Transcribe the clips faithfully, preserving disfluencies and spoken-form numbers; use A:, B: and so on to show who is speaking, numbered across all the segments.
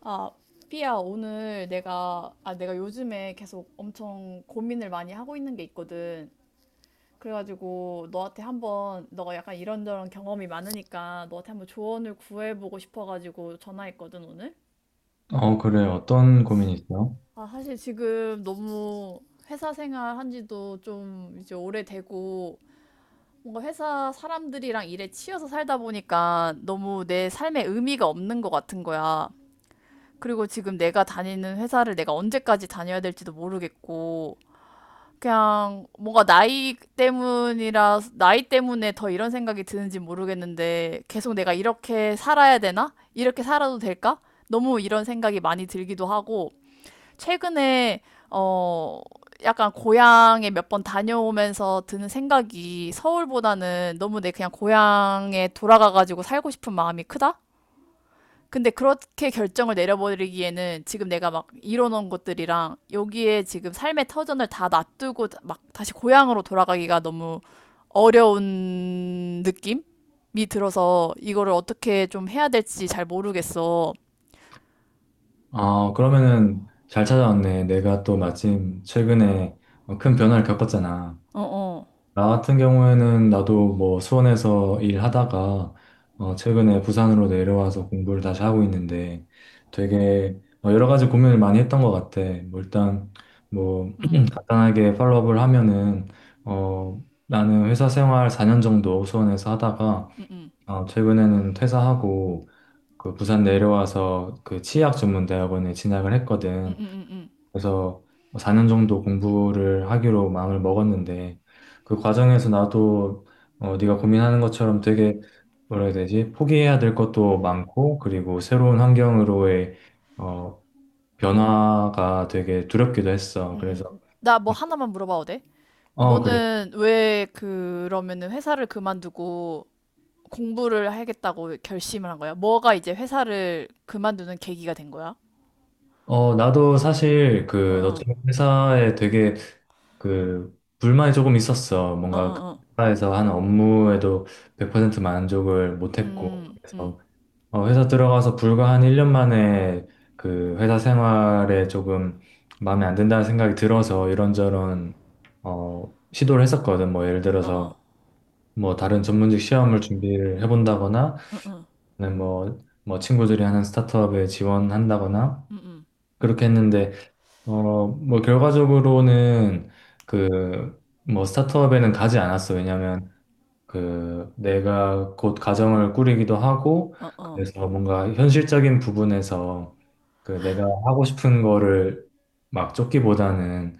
A: 아, 삐야, 오늘 내가, 아, 내가 요즘에 계속 엄청 고민을 많이 하고 있는 게 있거든. 그래가지고 너한테 한번, 너가 약간 이런저런 경험이 많으니까 너한테 한번 조언을 구해보고 싶어가지고 전화했거든, 오늘.
B: 어, 그래. 어떤 고민이 있어요?
A: 아, 사실 지금 너무 회사 생활 한 지도 좀 이제 오래되고, 뭔가 회사 사람들이랑 일에 치여서 살다 보니까 너무 내 삶에 의미가 없는 것 같은 거야. 그리고 지금 내가 다니는 회사를 내가 언제까지 다녀야 될지도 모르겠고, 그냥 뭔가 나이 때문이라, 나이 때문에 더 이런 생각이 드는지 모르겠는데, 계속 내가 이렇게 살아야 되나? 이렇게 살아도 될까? 너무 이런 생각이 많이 들기도 하고, 최근에, 어, 약간 고향에 몇 번 다녀오면서 드는 생각이 서울보다는 너무 내 그냥 고향에 돌아가가지고 살고 싶은 마음이 크다? 근데 그렇게 결정을 내려버리기에는 지금 내가 막 이뤄놓은 것들이랑 여기에 지금 삶의 터전을 다 놔두고 막 다시 고향으로 돌아가기가 너무 어려운 느낌이 들어서 이거를 어떻게 좀 해야 될지 잘 모르겠어.
B: 아, 그러면은 잘 찾아왔네. 내가 또 마침 최근에 어, 큰 변화를 겪었잖아.
A: 어, 어.
B: 나 같은 경우에는 나도 뭐 수원에서 일하다가 어, 최근에 부산으로 내려와서 공부를 다시 하고 있는데 되게 어, 여러 가지 고민을 많이 했던 것 같아. 뭐 일단 뭐 간단하게 팔로업을 하면은 어, 나는 회사 생활 사 년 정도 수원에서 하다가 어, 최근에는 퇴사하고 그 부산 내려와서 그 치의학 전문대학원에 진학을
A: 음, 음,
B: 했거든.
A: 음, 음,
B: 그래서 사 년 정도 공부를 하기로 마음을 먹었는데 그 과정에서 나도 어, 네가 고민하는 것처럼 되게 뭐라 해야 되지? 포기해야 될 것도 많고 그리고 새로운 환경으로의 어, 변화가 되게 두렵기도 했어.
A: 음,
B: 그래서
A: 음. 나 뭐 하나만 물어봐도 돼?
B: 어, 그래.
A: 너는 왜 그러면은 회사를 그만두고 공부를 하겠다고 결심을 한 거야? 뭐가 이제 회사를 그만두는 계기가 된 거야?
B: 어, 나도 사실
A: 어,
B: 그
A: 어,
B: 너처럼 회사에 되게 그 불만이 조금 있었어.
A: 어,
B: 뭔가 그
A: 어, 어.
B: 회사에서 하는 업무에도 백 퍼센트 만족을 못했고
A: 음, 음.
B: 그래서 어, 회사 들어가서 불과 한 일 년 만에 그 회사 생활에 조금 마음에 안 든다는 생각이 들어서 이런저런 어, 시도를 했었거든. 뭐 예를
A: 어,
B: 들어서
A: 어.
B: 뭐 다른 전문직 시험을 준비를 해본다거나 아니면 뭐, 뭐 친구들이 하는 스타트업에 지원한다거나 그렇게 했는데 어, 뭐, 결과적으로는 그, 뭐, 스타트업에는 가지 않았어. 왜냐면, 그, 내가 곧 가정을 꾸리기도 하고, 그래서 뭔가 현실적인 부분에서 그 내가 음, 하고 싶은 거를 막 쫓기보다는,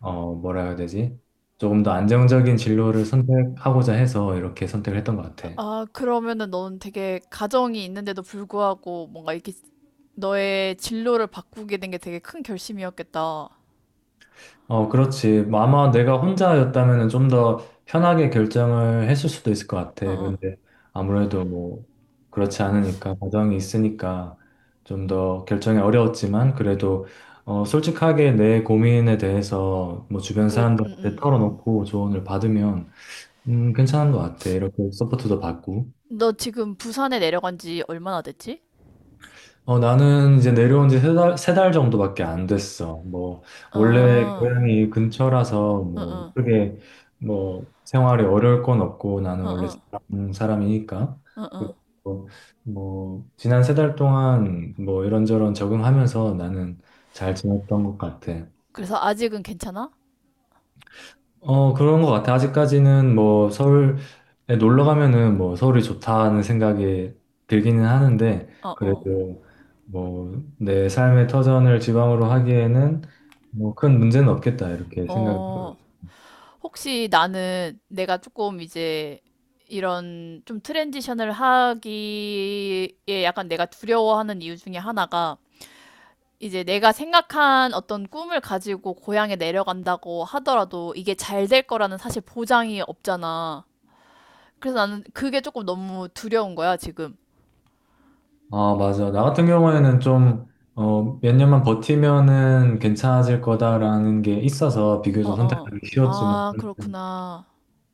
B: 어, 뭐라 해야 되지? 조금 더 안정적인 진로를 선택하고자 해서 이렇게 선택을 했던 것 같아.
A: 아, 그러면은 넌 되게 가정이 있는데도 불구하고 뭔가 이렇게 너의 진로를 바꾸게 된 게 되게 큰 결심이었겠다.
B: 어, 그렇지. 뭐 아마 내가 혼자였다면 좀 더 편하게 결정을 했을 수도 있을 것 같아. 근데 아무래도 뭐 그렇지 않으니까, 가정이 있으니까 좀 더 결정이 어려웠지만 그래도 어, 솔직하게 내 고민에 대해서 뭐 주변
A: 그래, 음,
B: 사람들한테
A: 음.
B: 털어놓고 조언을 받으면 음, 괜찮은 것 같아. 이렇게 서포트도 받고.
A: 너 지금 부산에 내려간 지 얼마나 됐지?
B: 어, 나는 이제 내려온 지 세 달, 세 달 정도밖에 안 됐어. 뭐,
A: 어,
B: 원래
A: 어,
B: 고향이 근처라서 뭐,
A: 어,
B: 크게 뭐, 생활이 어려울 건 없고, 나는
A: 어,
B: 원래
A: 어,
B: 지방 사람이니까.
A: 어, 어.
B: 그래서 뭐, 지난 세 달 동안 뭐, 이런저런 적응하면서 나는 잘 지냈던 것 같아.
A: 그래서 아직은 괜찮아?
B: 어, 그런 것 같아. 아직까지는 뭐 서울에 놀러 가면은 뭐 서울이 좋다는 생각이 들기는 하는데,
A: 어, 어,
B: 그래도 뭐 내 삶의 터전을 지방으로 하기에는 뭐 큰 문제는 없겠다. 이렇게 생각을 하고
A: 어.
B: 있어.
A: 혹시 나는 내가 조금 이제 이런 좀 트랜지션을 하기에 약간 내가 두려워하는 이유 중에 하나가 이제 내가 생각한 어떤 꿈을 가지고 고향에 내려간다고 하더라도 이게 잘 될 거라는 사실 보장이 없잖아. 그래서 나는 그게 조금 너무 두려운 거야, 지금.
B: 아, 맞아. 나 같은 경우에는 좀, 어, 몇 년만 버티면은 괜찮아질 거다라는 게 있어서
A: 어,
B: 비교적
A: 어.
B: 선택하기 쉬웠지만,
A: 아, 그렇구나.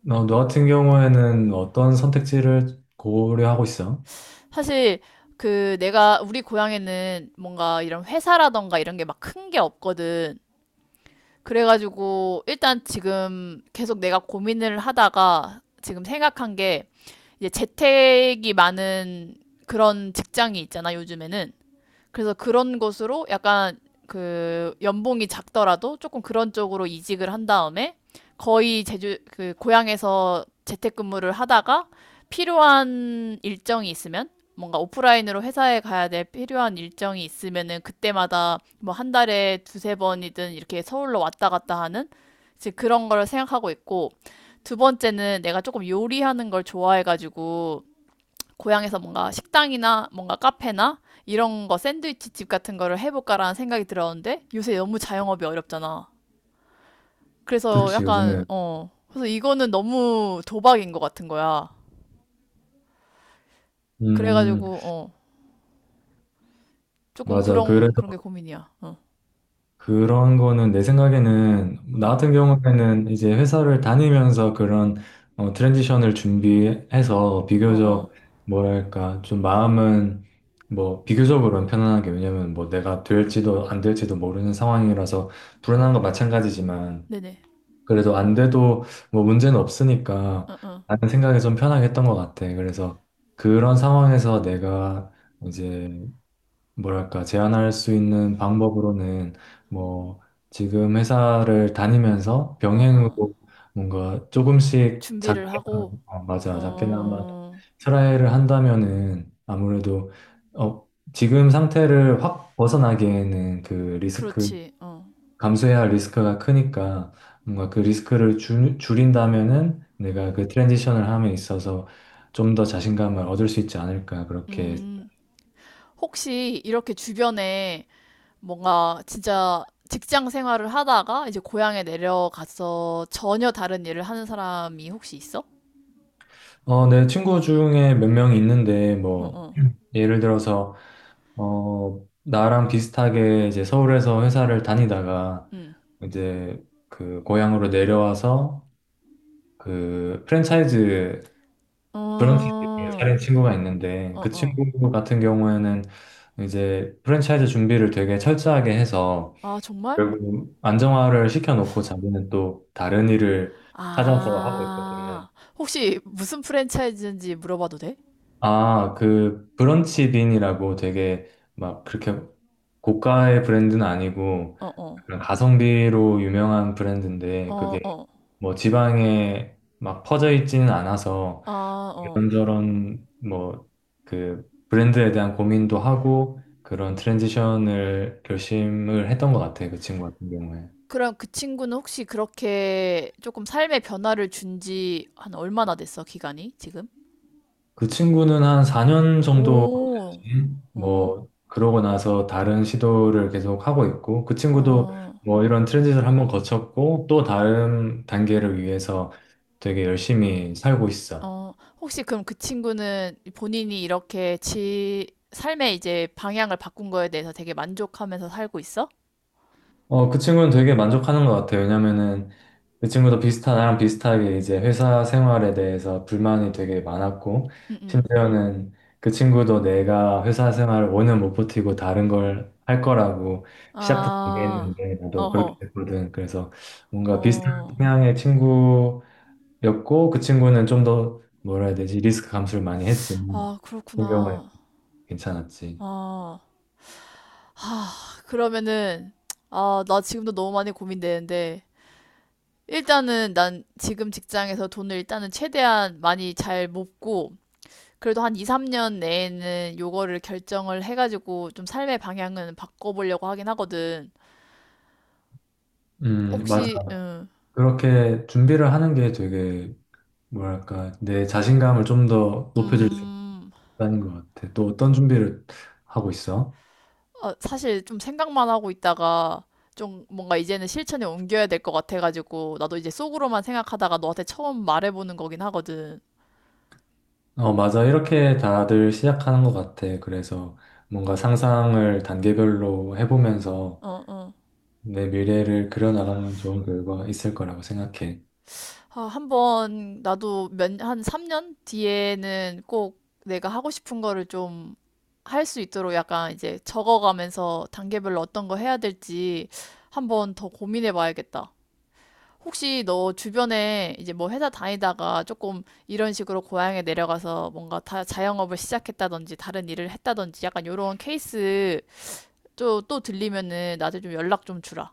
B: 어, 너 같은 경우에는 어떤 선택지를 고려하고 있어?
A: 사실 그 내가 우리 고향에는 뭔가 이런 회사라던가 이런 게 막 큰 게 없거든. 그래가지고 일단 지금 계속 내가 고민을 하다가 지금 생각한 게 이제 재택이 많은 그런 직장이 있잖아, 요즘에는. 그래서 그런 것으로 약간 그 연봉이 작더라도 조금 그런 쪽으로 이직을 한 다음에 거의 제주 그 고향에서 재택근무를 하다가 필요한 일정이 있으면 뭔가 오프라인으로 회사에 가야 될 필요한 일정이 있으면은 그때마다 뭐 한 달에 두세 번이든 이렇게 서울로 왔다 갔다 하는 이제 그런 걸 생각하고 있고, 두 번째는 내가 조금 요리하는 걸 좋아해가지고 고향에서 뭔가 식당이나 뭔가 카페나 이런 거 샌드위치 집 같은 거를 해볼까라는 생각이 들었는데 요새 너무 자영업이 어렵잖아. 그래서
B: 그치, 요즘에.
A: 약간 어 그래서 이거는 너무 도박인 것 같은 거야.
B: 음.
A: 그래가지고 어 조금
B: 맞아.
A: 그런
B: 그래서
A: 그런 게 고민이야. 어어.
B: 그런 거는 내 생각에는 나 같은 경우에는 이제 회사를 다니면서 그런 어, 트랜지션을 준비해서
A: 어, 어.
B: 비교적 뭐랄까 좀 마음은 뭐 비교적으로는 편안하게 왜냐면 뭐 내가 될지도 안 될지도 모르는 상황이라서 불안한 건 마찬가지지만
A: 네네.
B: 그래도 안 돼도 뭐 문제는 없으니까 라는 생각이 좀 편하게 했던 것 같아. 그래서 그런 상황에서 내가 이제 뭐랄까, 제한할 수 있는 방법으로는 뭐 지금 회사를 다니면서
A: 어, 어.
B: 병행으로 뭔가 조금씩
A: 준비를
B: 작게나마,
A: 하고.
B: 어, 맞아, 작게나마
A: 어.
B: 트라이를 한다면은 아무래도 어, 지금 상태를 확 벗어나기에는 그 리스크,
A: 그렇지.
B: 감수해야 할 리스크가 크니까 뭔가 그 리스크를 줄, 줄인다면은 내가 그 트랜지션을 함에 있어서 좀 더 자신감을 얻을 수 있지 않을까 그렇게
A: 어음. 혹시 이렇게 주변에 뭔가 진짜 직장 생활을 하다가 이제 고향에 내려가서 전혀 다른 일을 하는 사람이 혹시 있어?
B: 어, 내 친구 중에 몇 명이 있는데,
A: 어,
B: 뭐,
A: 어.
B: 음. 예를 들어서, 어, 나랑 비슷하게 이제 서울에서 회사를 다니다가,
A: 응.
B: 이제 그 고향으로 내려와서 그 프랜차이즈
A: 어,
B: 브런치를 차린 친구가 있는데,
A: 어,
B: 그
A: 어.
B: 친구 같은 경우에는 이제 프랜차이즈 준비를 되게 철저하게 해서,
A: 아, 정말?
B: 결국 안정화를 시켜놓고 자기는 또 다른 일을 찾아서 하고 있거든.
A: 아, 혹시 무슨 프랜차이즈인지 물어봐도 돼?
B: 아, 그 브런치 빈이라고 되게 막 그렇게 고가의 브랜드는 아니고
A: 어, 어.
B: 약간 가성비로 유명한 브랜드인데
A: 어,
B: 그게
A: 어.
B: 뭐 지방에 막 퍼져 있지는 않아서
A: 아, 어.
B: 이런저런 뭐 그 브랜드에 대한 고민도 하고 그런 트랜지션을 결심을 했던 것 같아요. 그 친구 같은 경우에.
A: 그럼 그 친구는 혹시 그렇게 조금 삶의 변화를 준지 한 얼마나 됐어, 기간이 지금?
B: 그 친구는 한 사 년 정도
A: 오, 오,
B: 뭐 그러고 나서 다른 시도를 계속 하고 있고 그 친구도
A: 어.
B: 뭐 이런 트랜짓을 한번 거쳤고 또 다른 단계를 위해서 되게 열심히 살고 있어.
A: 어, 혹시 그럼 그 친구는 본인이 이렇게 지 삶의 이제 방향을 바꾼 거에 대해서 되게 만족하면서 살고 있어?
B: 어, 그 친구는 되게 만족하는 것 같아요. 왜냐면은 그 친구도 비슷한, 나랑 비슷하게 이제 회사 생활에 대해서 불만이 되게 많았고,
A: 응, 응.
B: 심지어는 그 친구도 내가 회사 생활을 오 년 못 버티고 다른 걸 할 거라고 시작부터
A: 아,
B: 얘기했는데, 나도 그렇게
A: 어허.
B: 됐거든. 그래서 뭔가 비슷한
A: 어,
B: 성향의 친구였고, 그 친구는 좀 더, 뭐라 해야 되지, 리스크 감수를 많이 했지만,
A: 아,
B: 분명히
A: 그렇구나.
B: 괜찮았지.
A: 아, 그러면은, 아, 나 지금도 너무 많이 고민되는데, 일단은 난 지금 직장에서 돈을 일단은 최대한 많이 잘 모으고, 그래도 한 이, 삼 년 내에는 요거를 결정을 해가지고 좀 삶의 방향은 바꿔보려고 하긴 하거든.
B: 음, 맞아.
A: 혹시 음,
B: 그렇게 준비를 하는 게 되게 뭐랄까, 내 자신감을 좀 더 높여줄 수
A: 음,
B: 있다는 것 같아. 또 어떤 준비를 하고 있어?
A: 어, 사실 좀 생각만 하고 있다가 좀 뭔가 이제는 실천에 옮겨야 될 것 같아가지고 나도 이제 속으로만 생각하다가 너한테 처음 말해보는 거긴 하거든.
B: 어, 맞아. 이렇게 다들 시작하는 것 같아. 그래서 뭔가 상상을 단계별로 해보면서
A: 어, 어.
B: 내 미래를 그려나가면 좋은 결과 있을 거라고 생각해.
A: 아, 한번 나도 몇, 한 삼 년 뒤에는 꼭 내가 하고 싶은 거를 좀 할 수 있도록 약간 이제 적어가면서 단계별로 어떤 거 해야 될지 한번 더 고민해 봐야겠다. 혹시 너 주변에 이제 뭐 회사 다니다가 조금 이런 식으로 고향에 내려가서 뭔가 다 자영업을 시작했다든지 다른 일을 했다든지 약간 요런 케이스 또, 또 들리면은 나한테 좀 연락 좀 주라.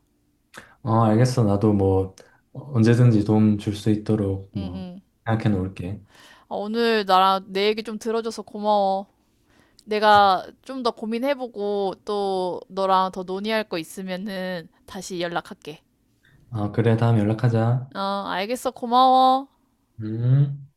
B: 어, 알겠어. 나도 뭐 언제든지 도움 줄 수 있도록
A: 응,
B: 뭐
A: 응.
B: 생각해 놓을게.
A: 아, 오늘 나랑 내 얘기 좀 들어줘서 고마워. 내가 좀 더 고민해보고 또 너랑 더 논의할 거 있으면은 다시 연락할게.
B: 아, 그래. 다음에 연락하자.
A: 어, 알겠어. 고마워.
B: 음.